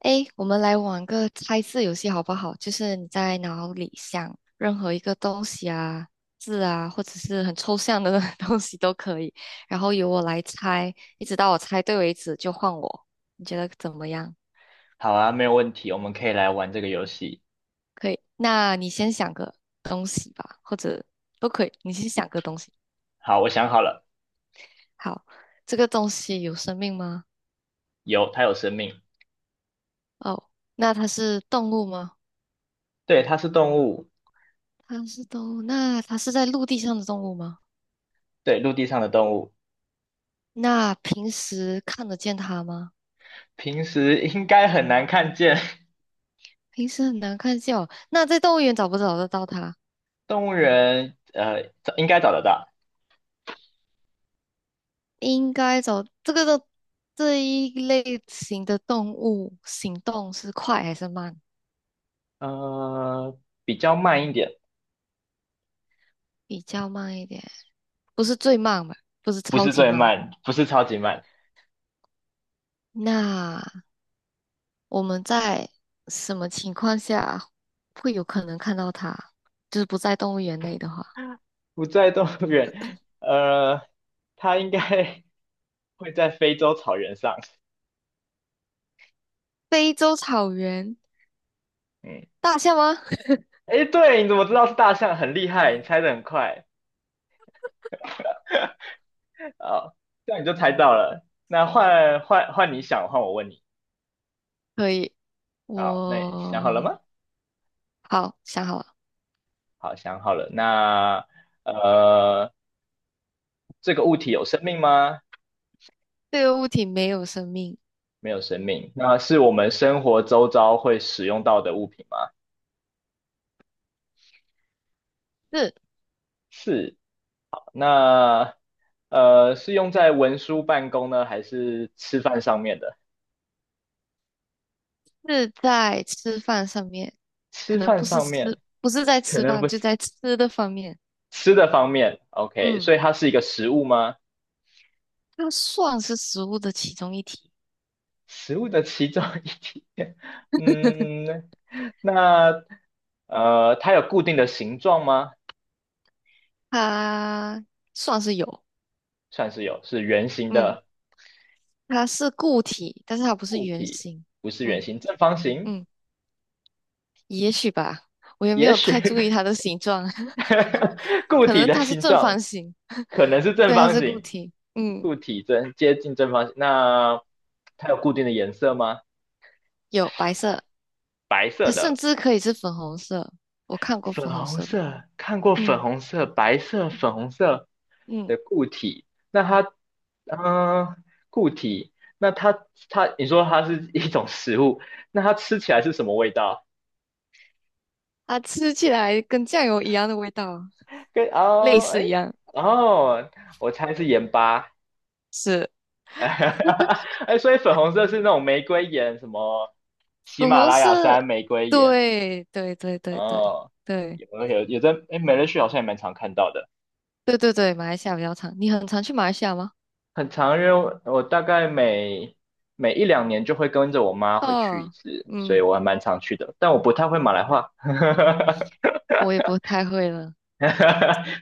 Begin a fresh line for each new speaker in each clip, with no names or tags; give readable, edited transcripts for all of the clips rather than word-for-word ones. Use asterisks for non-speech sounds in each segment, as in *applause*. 诶，我们来玩个猜字游戏好不好？就是你在脑里想任何一个东西啊、字啊，或者是很抽象的 *laughs* 东西都可以，然后由我来猜，一直到我猜对为止就换我。你觉得怎么样？
好啊，没有问题，我们可以来玩这个游戏。
可以，那你先想个东西吧，或者都可以，你先想个东西。
好，我想好了，
好，这个东西有生命吗？
有，它有生命，
哦，那它是动物吗？
对，它是动物，
它是动物，那它是在陆地上的动物吗？
对，陆地上的动物，
那平时看得见它吗？
平时应该很难看见，
平时很难看见哦。那在动物园找不找得到它？
*laughs* 动物园找应该找得到，
应该找这个的这一类型的动物，行动是快还是慢？
呃，比较慢一点，
比较慢一点，不是最慢吧？不是
不
超
是
级
最
慢。
慢，不是超级慢，
那我们在什么情况下会有可能看到它？就是不在动物园内的话，
不在动物园，它应该 *laughs* 会在非洲草原上，
非洲草原
嗯，
大象吗？*laughs*
诶，对，你怎么知道是大象？很厉害，你猜的很快，*laughs* 哦，这样你就猜到了。那换你想，换我问你。
可以，
好，那你想好了
我
吗？
好想好了，
好，想好了。那呃，这个物体有生命吗？
这个物体没有生命。
没有生命。那是我们生活周遭会使用到的物品吗？
是
是。那是用在文书办公呢，还是吃饭上面的？
是在吃饭上面，可
吃
能
饭
不是
上面
吃，不是在
可
吃
能
饭，
不
就
是
在吃的方面。
吃的方面。OK，
嗯，
所以它是一个食物吗？
它算是食物的其中一体，
食物的其中一点，*laughs*
*laughs*
嗯，那它有固定的形状吗？
它算是有。
算是有，是圆形
嗯，
的
它是固体，但是它不是
固
圆
体，
形。
不是圆
嗯
形，正方形，
嗯，也许吧，我也没
也
有
许
太注意它的形状，*laughs*
*laughs* 固
可
体
能
的
它是
形
正
状
方形。
可能是正
对，它
方
是固
形，
体。嗯，
固体正接近正方形。那它有固定的颜色吗？
有白色，
白色
它甚
的。
至可以是粉红色，我看过
粉
粉红
红
色的。
色，看过粉
嗯
红色、白色、粉红色
嗯。
的固体，那它，嗯、固体，那它，你说它是一种食物，那它吃起来是什么味道？
它吃起来跟酱油一样的味道，
跟
类
哦，哎，
似一样，
哦，我猜是盐巴，
是
*laughs* 哎，所以粉红色是那种玫瑰盐，什么喜
粉
马
红
拉雅
色。
山玫瑰盐，
对对对对对
哦，
对
有有有在，哎，美乐趣好像也蛮常看到的。
对对对，马来西亚比较长，你很常去马来西亚吗？
很常，因为我大概每一两年就会跟着我妈回去一
哦，
次，所以
嗯，
我还蛮常去的。但我不太会马来话，*laughs*
我也不太会了，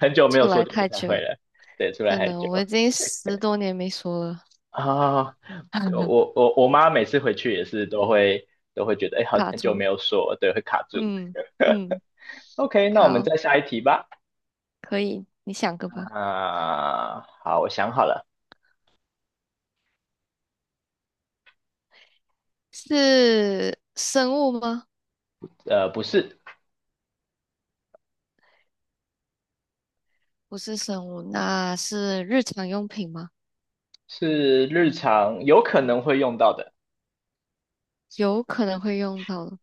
很久没
出
有说
来
就不
太
太会
久，
了。对，出来
真
太
的，
久
我已经10多年没说了，
啊，对
*laughs*
我妈每次回去也是都会觉得，哎，好
卡
很久
住。
没有说了，对，会卡
*laughs*
住。
嗯嗯，
OK，那我们
好，
再下一题吧。
可以，你想个吧。
啊，好，我想好了，
是生物吗？
呃，不是，
不是生物，那是日常用品吗？
是日常有可能会用到的，
有可能会用到的。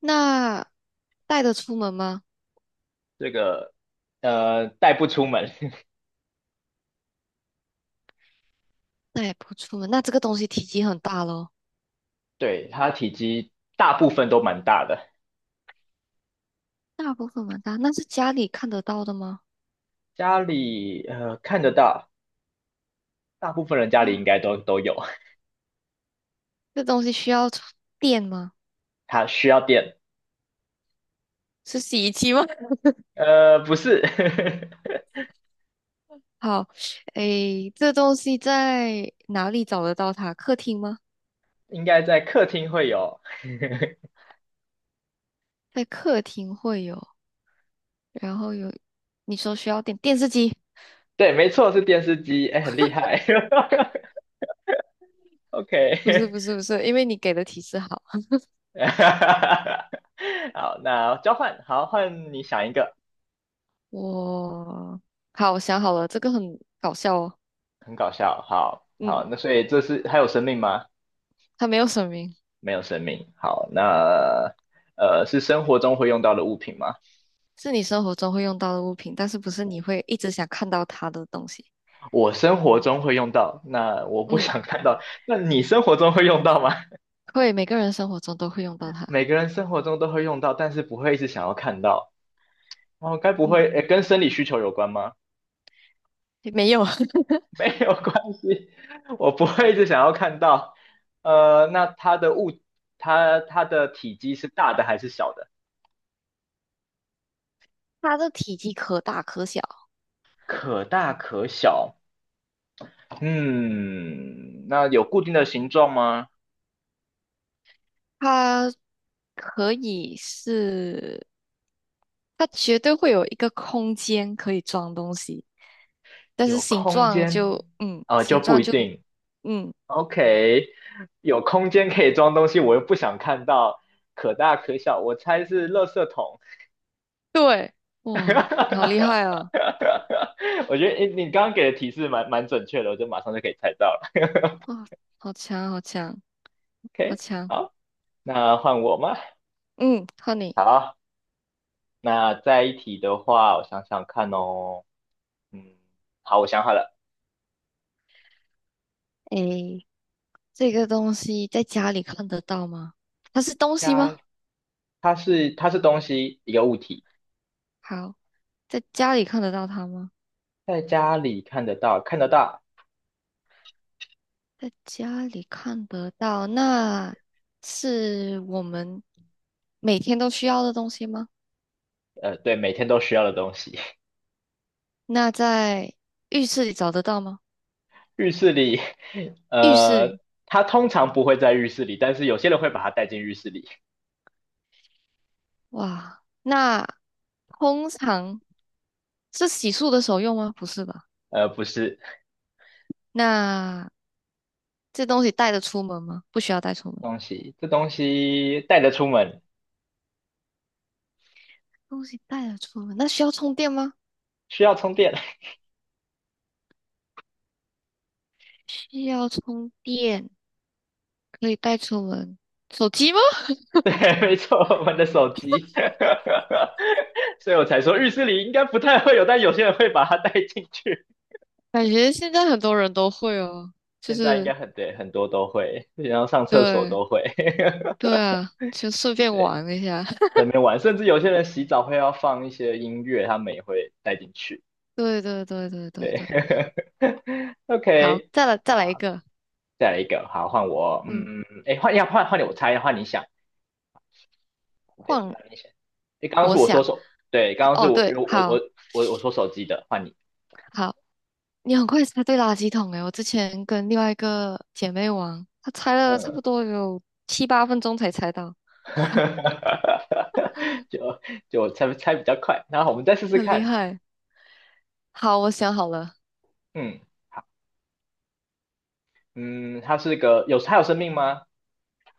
那带得出门吗？
这个带不出门。
带不出门。那这个东西体积很大咯，
对，它体积大部分都蛮大的，
大部分蛮大。那是家里看得到的吗？
家里看得到，大部分人家里应
呀，
该都有。
这东西需要充电吗？
*laughs* 它需要电，
是洗衣机吗？*laughs*
不是，
好，诶，这东西在哪里找得到它？客厅吗？
*laughs* 应该在客厅会有。
在客厅会有，然后有，你说需要电，电视机？
对，没错，是电视机，哎，很厉害。*laughs*
不是
OK，
不是不是，因为你给的提示好，
*laughs* 好，那交换，好，换你想一个，
我好，我想好了，这个很搞笑哦。
很搞笑。好，
嗯，
好，那所以这是还有生命吗？
它没有声明。
没有生命。好，那是生活中会用到的物品吗？
是你生活中会用到的物品，但是不是你会一直想看到它的东西。
我生活中会用到，那我不
嗯，
想看到。那你生活中会用到吗？*laughs*
会，每个人生活中都会用到它。
每个人生活中都会用到，但是不会一直想要看到。哦，该不
嗯，
会，诶，跟生理需求有关吗？
没有，*laughs*
*laughs* 没有关系，我不会一直想要看到。那它的物，它的体积是大的还是小的？
它的体积可大可小，
可大可小。嗯，那有固定的形状吗？
它可以是，它绝对会有一个空间可以装东西，但是
有
形
空
状
间？
就，嗯，
就
形
不
状
一
就，
定。
嗯，
OK，有空间可以装东西，我又不想看到可大可小，我猜是垃圾桶。
对，
*laughs*
哇，你好厉害啊！
我觉得，诶，你刚刚给的提示蛮准确的，我就马上就可以猜到了。*laughs*
哇，好强，好强，好
OK，
强。
好，那换我吗？
嗯，honey
好，那再一题的话，我想想看哦。嗯，好，我想好了，
诶，这个东西在家里看得到吗？它是东西
家，
吗？
它是东西，一个物体，
好，在家里看得到它吗？
在家里看得到，看得到，
在家里看得到，那是我们每天都需要的东西吗？
对，每天都需要的东西。
那在浴室里找得到吗？
浴室里，
浴室
呃，
里，
他通常不会在浴室里，但是有些人会把它带进浴室里。
哇，那通常是洗漱的时候用吗？不是吧？
不是
那这东西带得出门吗？不需要带出门。
东西，这东西带着出门
东西带得出门，那需要充电吗？
需要充电。*laughs*
需要充电。可以带出门。手机吗？
对，没错，我们的手机。*laughs* 所以我才说浴室里应该不太会有，但有些人会把它带进去。
感觉现在很多人都会哦，就
现在应
是
该很对，很多都会，然后上厕所
对，
都会。
对啊，就顺
*laughs*
便
对，
玩一下。*laughs*
在那边玩，甚至有些人洗澡会要放一些音乐，他们也会带进去。
对对对对对
对
对，
*laughs*
好，
，OK。
再来一
好。
个，
再来一个，好，换我，
嗯，
嗯，哎，换你，我猜，换你想，对，
换
那你想，哎，刚刚是
我
我说
想，
手，对，刚刚是
哦
我
对，
我我
好
我我说手机的，换你，
好，你很快猜对垃圾桶诶，我之前跟另外一个姐妹玩，她猜了差
嗯，
不多有7、8分钟才猜到，
*laughs* 就就我猜比较快，然后我们再试试
很厉
看，
害。好，我想好了，
嗯，好，嗯，它有生命吗？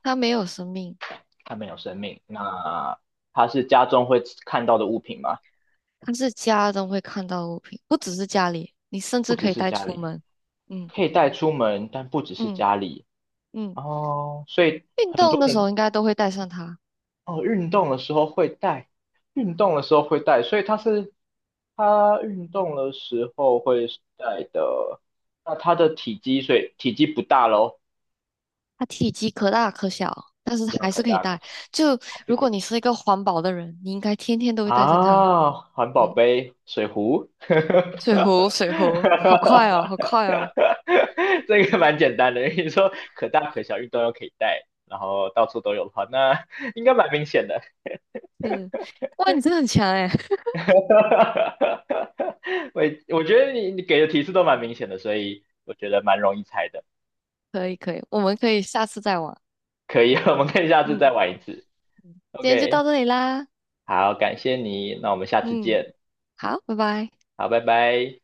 它没有生命。
它没有生命，那它是家中会看到的物品吗？
但是家中会看到的物品，不只是家里，你甚
不
至
只
可以
是
带
家
出
里，
门。嗯
可以带出门，但不只是
嗯
家里
嗯，
哦，所以
运
很
动
多
的时候
人
应该都会带上它。
哦，运动的时候会带，运动的时候会带，所以它是它运动的时候会带的。那它的体积，所以体积不大喽，
它体积可大可小，但是
一
它
样
还
可
是可以
大可
带。
小，
就
还是
如
可以
果你
的
是一个环保的人，你应该天天都会带着它。
啊。环保
嗯，
杯、水壶，*laughs*
水壶，水壶，好快哦，好快哦。
这个蛮简单的。你说可大可小，运动又可以带，然后到处都有的话，那应该蛮明显的。
是，哇，你真的很强哎！
*laughs* 哈哈哈，我我觉得你给的提示都蛮明显的，所以我觉得蛮容易猜的。
*laughs* 可以可以，我们可以下次再玩。
可以，*laughs* 我们可以下次
嗯，
再玩一次。
今天就到
OK，
这里啦。
好，感谢你，那我们下次
嗯，
见。
好，拜拜。
好，拜拜。